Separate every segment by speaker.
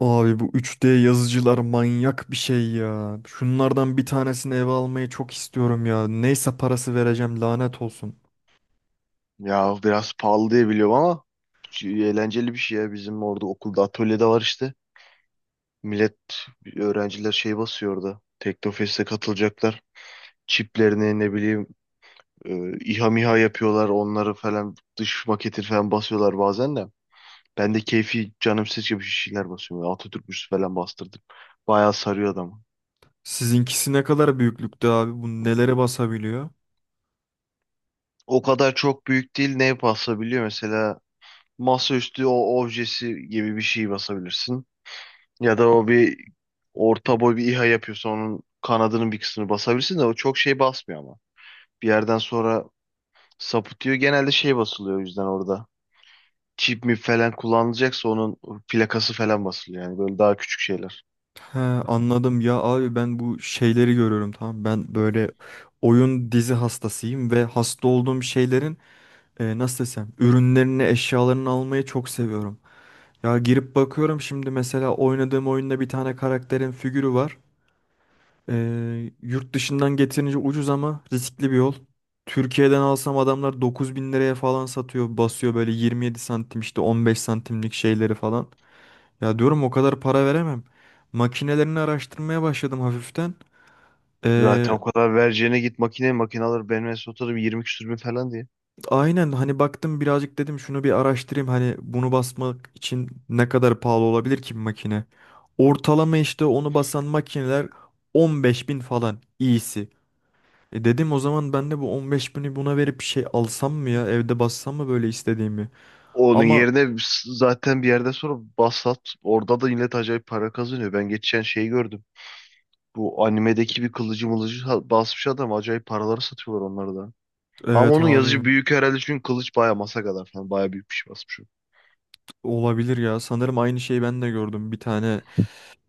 Speaker 1: Abi bu 3D yazıcılar manyak bir şey ya. Şunlardan bir tanesini eve almayı çok istiyorum ya. Neyse parası vereceğim, lanet olsun.
Speaker 2: Ya biraz pahalı diye biliyorum ama eğlenceli bir şey ya. Bizim orada okulda atölyede var işte. Millet, öğrenciler şey basıyor orada. Teknofest'e katılacaklar. Çiplerini ne bileyim, İHA MİHA yapıyorlar. Onları falan dış maketi falan basıyorlar bazen de. Ben de keyfi canım seçiyor bir şeyler basıyorum. Böyle Atatürk müzesi falan bastırdım. Bayağı sarıyor adamı.
Speaker 1: Sizinkisi ne kadar büyüklükte abi? Bu nelere basabiliyor?
Speaker 2: O kadar çok büyük değil. Ne basabiliyor? Mesela masaüstü o objesi gibi bir şey basabilirsin. Ya da o bir orta boy bir İHA yapıyorsa onun kanadının bir kısmını basabilirsin de o çok şey basmıyor ama. Bir yerden sonra sapıtıyor. Genelde şey basılıyor o yüzden orada. Çip mi falan kullanılacaksa onun plakası falan basılıyor. Yani böyle daha küçük şeyler.
Speaker 1: He, anladım ya abi, ben bu şeyleri görüyorum, tamam. Ben böyle oyun dizi hastasıyım ve hasta olduğum şeylerin nasıl desem ürünlerini, eşyalarını almayı çok seviyorum. Ya girip bakıyorum şimdi, mesela oynadığım oyunda bir tane karakterin figürü var. Yurt dışından getirince ucuz ama riskli bir yol. Türkiye'den alsam adamlar 9.000 liraya falan satıyor. Basıyor böyle 27 santim işte, 15 santimlik şeyleri falan. Ya diyorum o kadar para veremem. Makinelerini araştırmaya başladım hafiften.
Speaker 2: Zaten
Speaker 1: Ee,
Speaker 2: o kadar vereceğine git makine makine alır. Benim en son oturdum 20 küsür bin falan diye.
Speaker 1: aynen, hani baktım birazcık, dedim şunu bir araştırayım. Hani bunu basmak için ne kadar pahalı olabilir ki bir makine? Ortalama işte onu basan makineler 15.000 falan iyisi. E dedim o zaman ben de bu 15 bini buna verip bir şey alsam mı ya? Evde bassam mı böyle istediğimi?
Speaker 2: Onun
Speaker 1: Ama
Speaker 2: yerine zaten bir yerden sonra Basat orada da millet acayip para kazanıyor. Ben geçen şeyi gördüm. Bu animedeki bir kılıcı mılıcı basmış adam. Acayip paraları satıyorlar onları da. Ama
Speaker 1: evet
Speaker 2: onun yazıcı
Speaker 1: abi,
Speaker 2: büyük herhalde çünkü kılıç baya masa kadar falan. Baya büyük bir şey basmış, o.
Speaker 1: olabilir ya. Sanırım aynı şeyi ben de gördüm. Bir tane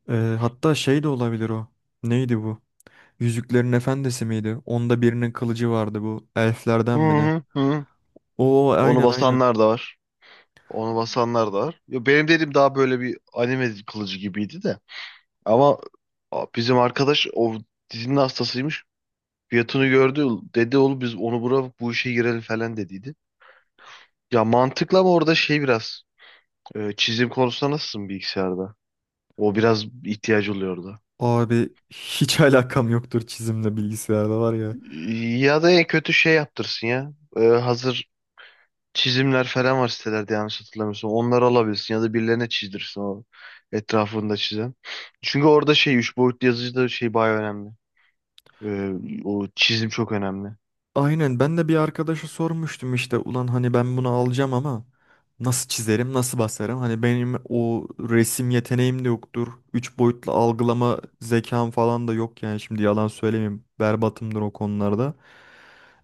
Speaker 1: e, hatta şey de olabilir o. Neydi bu? Yüzüklerin Efendisi miydi? Onda birinin kılıcı vardı bu.
Speaker 2: Hı
Speaker 1: Elflerden mi ne?
Speaker 2: hı hı.
Speaker 1: Oo,
Speaker 2: Onu
Speaker 1: aynen aynen.
Speaker 2: basanlar da var. Onu basanlar da var. Ya benim dediğim daha böyle bir anime kılıcı gibiydi de. Ama bizim arkadaş o dizinin hastasıymış. Fiyatını gördü. Dedi oğlum biz onu bura bu işe girelim falan dediydi. Ya mantıklı ama orada şey biraz, çizim konusunda nasılsın bilgisayarda? O biraz ihtiyacı oluyordu.
Speaker 1: Abi hiç alakam yoktur çizimle, bilgisayarda var ya.
Speaker 2: Ya da en kötü şey yaptırsın ya. Hazır çizimler falan var sitelerde yanlış hatırlamıyorsam. Onları alabilirsin ya da birilerine çizdirsin o etrafında çizen. Çünkü orada şey üç boyutlu yazıcıda şey bayağı önemli. O çizim çok önemli.
Speaker 1: Aynen, ben de bir arkadaşa sormuştum işte, ulan hani ben bunu alacağım ama nasıl çizerim, nasıl basarım, hani benim o resim yeteneğim de yoktur. Üç boyutlu algılama zekam falan da yok yani, şimdi yalan söylemeyeyim, berbatımdır o konularda.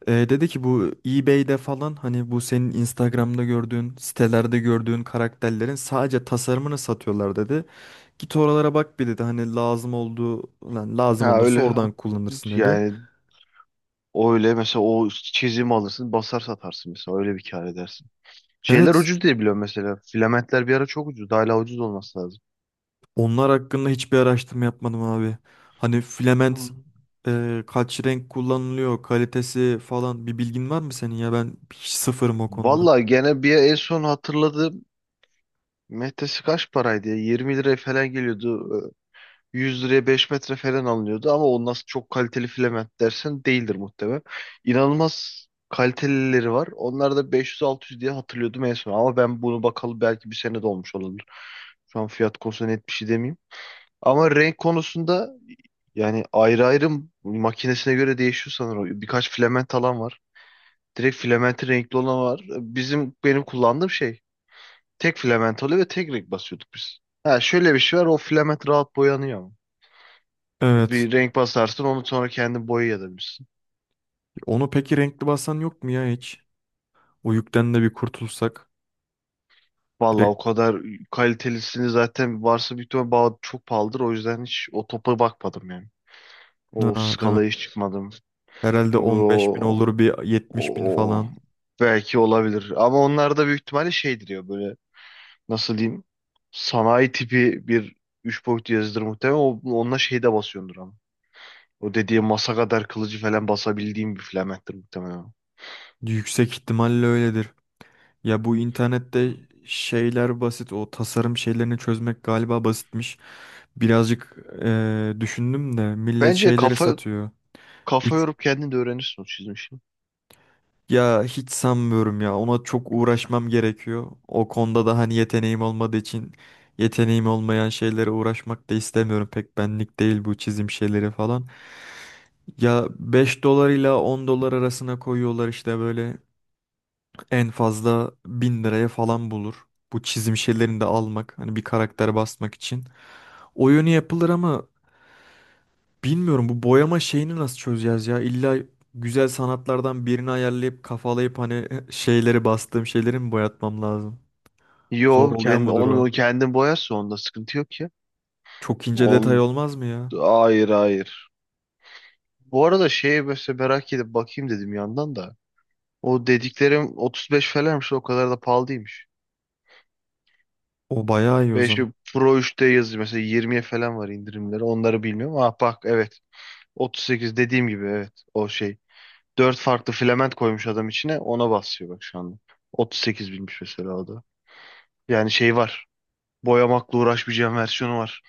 Speaker 1: Dedi ki bu eBay'de falan, hani bu senin Instagram'da gördüğün, sitelerde gördüğün karakterlerin sadece tasarımını satıyorlar dedi. Git oralara bak bir dedi, hani lazım olduğu lazım
Speaker 2: Ha
Speaker 1: olursa
Speaker 2: öyle,
Speaker 1: oradan kullanırsın dedi.
Speaker 2: yani o öyle mesela o çizimi alırsın basar satarsın mesela öyle bir kar edersin. Şeyler
Speaker 1: Evet.
Speaker 2: ucuz diye biliyorum mesela. Filamentler bir ara çok ucuz. Hala ucuz olması lazım.
Speaker 1: Onlar hakkında hiçbir araştırma yapmadım abi. Hani
Speaker 2: Hı.
Speaker 1: filament kaç renk kullanılıyor, kalitesi falan, bir bilgin var mı senin ya? Ben hiç sıfırım o konuda.
Speaker 2: Vallahi gene bir en son hatırladığım metresi kaç paraydı ya? 20 liraya falan geliyordu. 100 liraya 5 metre falan alınıyordu ama o nasıl çok kaliteli filament dersen değildir muhtemelen. İnanılmaz kalitelileri var. Onlar da 500-600 diye hatırlıyordum en son. Ama ben bunu bakalı belki bir sene de olmuş olabilir. Şu an fiyat konusunda net bir şey demeyeyim. Ama renk konusunda yani ayrı ayrı makinesine göre değişiyor sanırım. Birkaç filament alan var. Direkt filamenti renkli olan var. Bizim benim kullandığım şey tek filament oluyor ve tek renk basıyorduk biz. Ha şöyle bir şey var, o filament rahat boyanıyor ama.
Speaker 1: Evet.
Speaker 2: Bir renk basarsın onu sonra kendin boyayabilirsin.
Speaker 1: Onu peki renkli basan yok mu ya hiç? O yükten de bir kurtulsak.
Speaker 2: Valla o
Speaker 1: Direkt.
Speaker 2: kadar kalitelisini zaten varsa büyük ihtimal çok pahalıdır. O yüzden hiç o topa bakmadım yani. O
Speaker 1: Ha, değil mi?
Speaker 2: skalaya hiç çıkmadım.
Speaker 1: Herhalde
Speaker 2: Çünkü
Speaker 1: 15 bin
Speaker 2: O,
Speaker 1: olur, bir 70 bin
Speaker 2: o,
Speaker 1: falan.
Speaker 2: belki olabilir. Ama onlar da büyük ihtimalle şeydir ya, böyle nasıl diyeyim, sanayi tipi bir üç boyutlu yazıdır muhtemelen. O, onunla şeyde basıyordur ama. O dediği masa kadar kılıcı falan basabildiğim bir flamettir muhtemelen.
Speaker 1: Yüksek ihtimalle öyledir. Ya bu internette şeyler basit. O tasarım şeylerini çözmek galiba basitmiş. Birazcık düşündüm de millet
Speaker 2: Bence
Speaker 1: şeyleri
Speaker 2: kafa
Speaker 1: satıyor.
Speaker 2: kafa
Speaker 1: Üç,
Speaker 2: yorup kendin de öğrenirsin o çizmişi.
Speaker 1: ya hiç sanmıyorum ya. Ona çok uğraşmam gerekiyor. O konuda da hani yeteneğim olmadığı için, yeteneğim olmayan şeylere uğraşmak da istemiyorum. Pek benlik değil bu çizim şeyleri falan. Ya 5 dolar ile 10 dolar arasına koyuyorlar işte, böyle en fazla 1.000 liraya falan bulur. Bu çizim şeylerini de almak, hani bir karakter basmak için. Oyunu yapılır ama bilmiyorum bu boyama şeyini nasıl çözeceğiz ya? İlla güzel sanatlardan birini ayarlayıp, kafalayıp hani şeyleri, bastığım şeyleri mi boyatmam lazım? Zor
Speaker 2: Yo
Speaker 1: oluyor
Speaker 2: kendi,
Speaker 1: mudur o?
Speaker 2: onu kendin boyarsın onda sıkıntı yok ya.
Speaker 1: Çok ince detay
Speaker 2: On
Speaker 1: olmaz mı ya?
Speaker 2: hayır, hayır. Bu arada şeye mesela merak edip bakayım dedim yandan da. O dediklerim 35 falanmış, o kadar da pahalı değilmiş.
Speaker 1: O bayağı iyi o
Speaker 2: 5
Speaker 1: zaman.
Speaker 2: Pro 3'te yazıyor mesela 20'ye falan var indirimleri, onları bilmiyorum. Ah bak, evet, 38 dediğim gibi, evet, o şey dört farklı filament koymuş adam içine. Ona basıyor bak şu anda. 38 binmiş mesela o da. Yani şey var. Boyamakla uğraşmayacağım versiyonu var.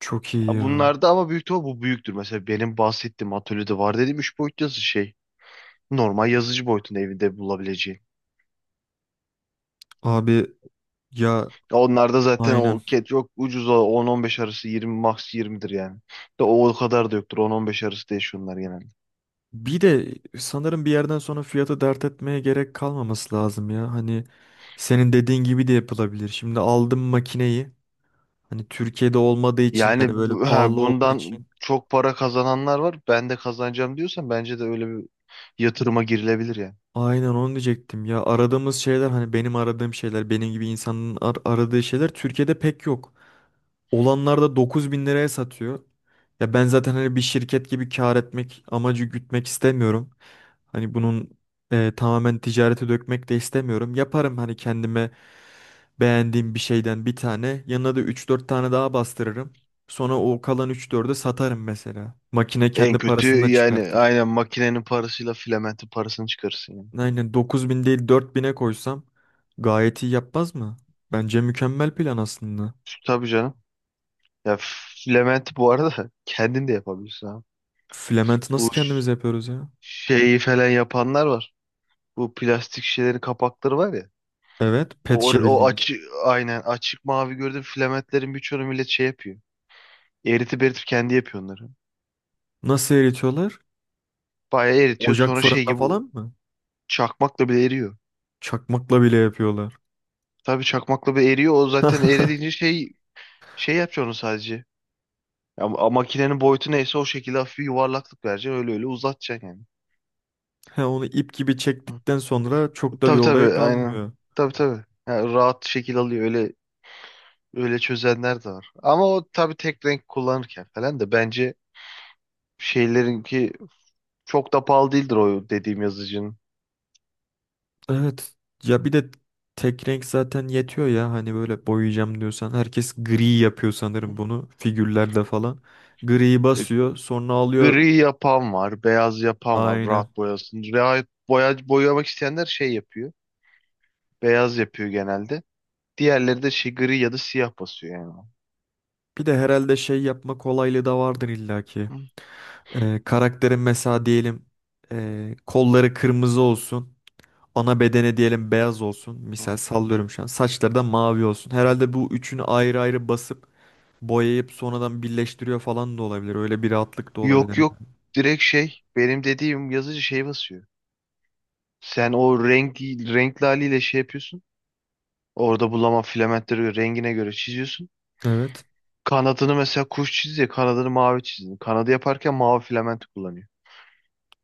Speaker 1: Çok iyi
Speaker 2: Ha,
Speaker 1: ya.
Speaker 2: bunlarda ama büyük ihtimal bu büyüktür. Mesela benim bahsettiğim atölyede var dediğim 3 boyut yazı şey. Normal yazıcı boyutunda evinde bulabileceğin.
Speaker 1: Abi ya
Speaker 2: Ya onlarda zaten
Speaker 1: aynen.
Speaker 2: o ket çok ucuz, o 10-15 arası, 20 max 20'dir yani. De o kadar da yoktur, 10-15 arası değil şunlar genelde.
Speaker 1: Bir de sanırım bir yerden sonra fiyatı dert etmeye gerek kalmaması lazım ya. Hani senin dediğin gibi de yapılabilir. Şimdi aldım makineyi. Hani Türkiye'de olmadığı için, yani
Speaker 2: Yani
Speaker 1: böyle
Speaker 2: ha,
Speaker 1: pahalı olduğu
Speaker 2: bundan
Speaker 1: için.
Speaker 2: çok para kazananlar var. Ben de kazanacağım diyorsan bence de öyle bir yatırıma girilebilir yani.
Speaker 1: Aynen onu diyecektim ya, aradığımız şeyler, hani benim aradığım şeyler, benim gibi insanın aradığı şeyler Türkiye'de pek yok. Olanlar da 9.000 liraya satıyor. Ya ben zaten hani bir şirket gibi kar etmek amacı gütmek istemiyorum. Hani bunun tamamen ticarete dökmek de istemiyorum. Yaparım hani kendime beğendiğim bir şeyden bir tane. Yanına da üç dört tane daha bastırırım. Sonra o kalan 3-4'ü satarım mesela. Makine
Speaker 2: En
Speaker 1: kendi
Speaker 2: kötü
Speaker 1: parasından
Speaker 2: yani
Speaker 1: çıkartır.
Speaker 2: aynen makinenin parasıyla filamentin parasını çıkarırsın yani.
Speaker 1: Aynen, 9.000 değil 4.000'e koysam gayet iyi yapmaz mı? Bence mükemmel plan aslında.
Speaker 2: Tabii canım. Ya filamenti bu arada kendin de yapabilirsin ha.
Speaker 1: Flamant nasıl
Speaker 2: Bu
Speaker 1: kendimiz
Speaker 2: ş-
Speaker 1: yapıyoruz ya?
Speaker 2: şeyi falan yapanlar var. Bu plastik şişelerin kapakları var ya.
Speaker 1: Evet, pet
Speaker 2: O,
Speaker 1: şişe
Speaker 2: or- o
Speaker 1: bildiğimiz.
Speaker 2: açık, aynen açık mavi gördüğüm filamentlerin birçoğunu millet şey yapıyor. Eritip eritip kendi yapıyor onları.
Speaker 1: Nasıl eritiyorlar?
Speaker 2: Bayağı eritiyor
Speaker 1: Ocak,
Speaker 2: sonra şey
Speaker 1: fırında
Speaker 2: gibi
Speaker 1: falan mı?
Speaker 2: çakmakla bile eriyor.
Speaker 1: Çakmakla bile yapıyorlar.
Speaker 2: Tabii çakmakla bile eriyor. O zaten eridiğince şey yapıyor onu sadece. Ya, makinenin boyutu neyse o şekilde hafif bir yuvarlaklık vereceksin. Öyle öyle uzatacaksın yani.
Speaker 1: He, onu ip gibi
Speaker 2: Hı.
Speaker 1: çektikten sonra çok da bir
Speaker 2: Tabii
Speaker 1: olaya
Speaker 2: tabii, aynen.
Speaker 1: kalmıyor.
Speaker 2: Tabii tabii. Yani rahat şekil alıyor. Öyle öyle çözenler de var. Ama o tabii tek renk kullanırken falan da bence şeylerinki çok da pahalı değildir o dediğim yazıcının.
Speaker 1: Evet. Ya bir de tek renk zaten yetiyor ya hani böyle boyayacağım diyorsan. Herkes gri yapıyor sanırım bunu, figürlerde falan. Griyi
Speaker 2: E,
Speaker 1: basıyor sonra alıyor.
Speaker 2: Gri yapan var, beyaz yapan var,
Speaker 1: Aynen.
Speaker 2: rahat boyasın. Rahat boya, boyamak isteyenler şey yapıyor. Beyaz yapıyor genelde. Diğerleri de şey gri ya da siyah basıyor yani.
Speaker 1: Bir de herhalde şey yapma kolaylığı da vardır illaki. Karakterin mesela diyelim kolları kırmızı olsun. Ana bedene diyelim beyaz olsun.
Speaker 2: Hı.
Speaker 1: Misal sallıyorum şu an. Saçları da mavi olsun. Herhalde bu üçünü ayrı ayrı basıp boyayıp sonradan birleştiriyor falan da olabilir. Öyle bir rahatlık da olabilir.
Speaker 2: Yok, yok, direkt şey benim dediğim yazıcı şey basıyor. Sen o renk renkli haliyle şey yapıyorsun. Orada bulama filamentleri rengine göre çiziyorsun.
Speaker 1: Evet.
Speaker 2: Kanadını mesela kuş çiziyor, kanadını mavi çizdin. Kanadı yaparken mavi filamenti kullanıyor.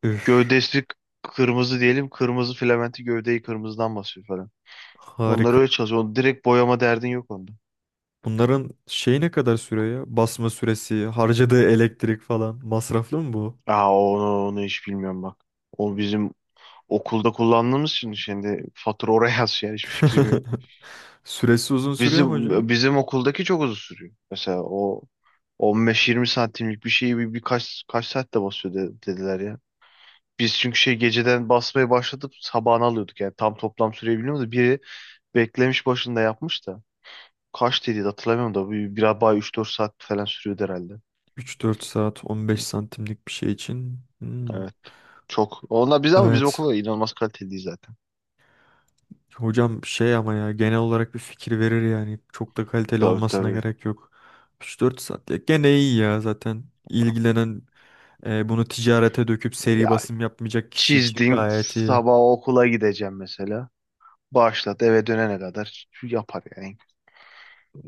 Speaker 1: Üf,
Speaker 2: Gövdesi kırmızı diyelim, kırmızı filamenti gövdeyi kırmızıdan basıyor falan. Onlar
Speaker 1: harika.
Speaker 2: öyle çalışıyor. Onu direkt boyama derdin yok onda.
Speaker 1: Bunların şeyi ne kadar sürüyor ya? Basma süresi, harcadığı elektrik falan. Masraflı mı bu?
Speaker 2: Aa onu hiç bilmiyorum bak. O bizim okulda kullandığımız için şimdi fatura oraya yaz yani hiçbir fikrim yok.
Speaker 1: Süresi uzun sürüyor mu
Speaker 2: Bizim
Speaker 1: hocam?
Speaker 2: bizim okuldaki çok uzun sürüyor. Mesela o 15-20 santimlik bir şeyi bir, birkaç kaç saatte basıyor dediler ya. Biz çünkü şey geceden basmaya başladıp sabahına alıyorduk yani tam toplam süreyi bilmiyorum da biri beklemiş başında yapmış da kaç dedi hatırlamıyorum da bir bay 3-4 saat falan sürüyordu herhalde.
Speaker 1: 3-4 saat 15
Speaker 2: Hı.
Speaker 1: santimlik bir şey için. Hmm.
Speaker 2: Evet. Çok. Onlar, biz ama bizim
Speaker 1: Evet.
Speaker 2: okulda inanılmaz kaliteliydi zaten.
Speaker 1: Hocam şey ama, ya genel olarak bir fikir verir yani. Çok da kaliteli
Speaker 2: Tabii
Speaker 1: olmasına
Speaker 2: tabii.
Speaker 1: gerek yok. 3-4 saat ya gene iyi ya zaten. İlgilenen bunu ticarete döküp seri
Speaker 2: Ya
Speaker 1: basım yapmayacak kişi için
Speaker 2: çizdin
Speaker 1: gayet iyi.
Speaker 2: sabah okula gideceğim mesela. Başlat, eve dönene kadar yapar yani.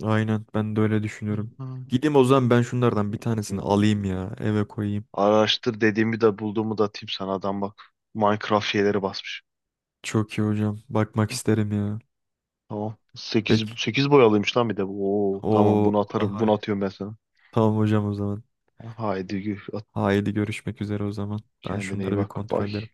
Speaker 1: Aynen, ben de öyle
Speaker 2: Hı.
Speaker 1: düşünüyorum. Gideyim o zaman ben şunlardan bir tanesini alayım ya, eve koyayım.
Speaker 2: Araştır dediğimi de bulduğumu da atayım sana, adam bak Minecraft şeyleri basmış.
Speaker 1: Çok iyi hocam. Bakmak
Speaker 2: Hı.
Speaker 1: isterim ya.
Speaker 2: Tamam. sekiz
Speaker 1: Peki.
Speaker 2: sekiz boyalıymış lan bir de, bu. Oo tamam,
Speaker 1: O
Speaker 2: bunu atarım.
Speaker 1: daha
Speaker 2: Bunu
Speaker 1: iyi.
Speaker 2: atıyorum ben sana.
Speaker 1: Tamam hocam o zaman.
Speaker 2: Haydi, at,
Speaker 1: Haydi görüşmek üzere o zaman. Ben
Speaker 2: kendine iyi
Speaker 1: şunları bir
Speaker 2: bak.
Speaker 1: kontrol
Speaker 2: Bay.
Speaker 1: ederim.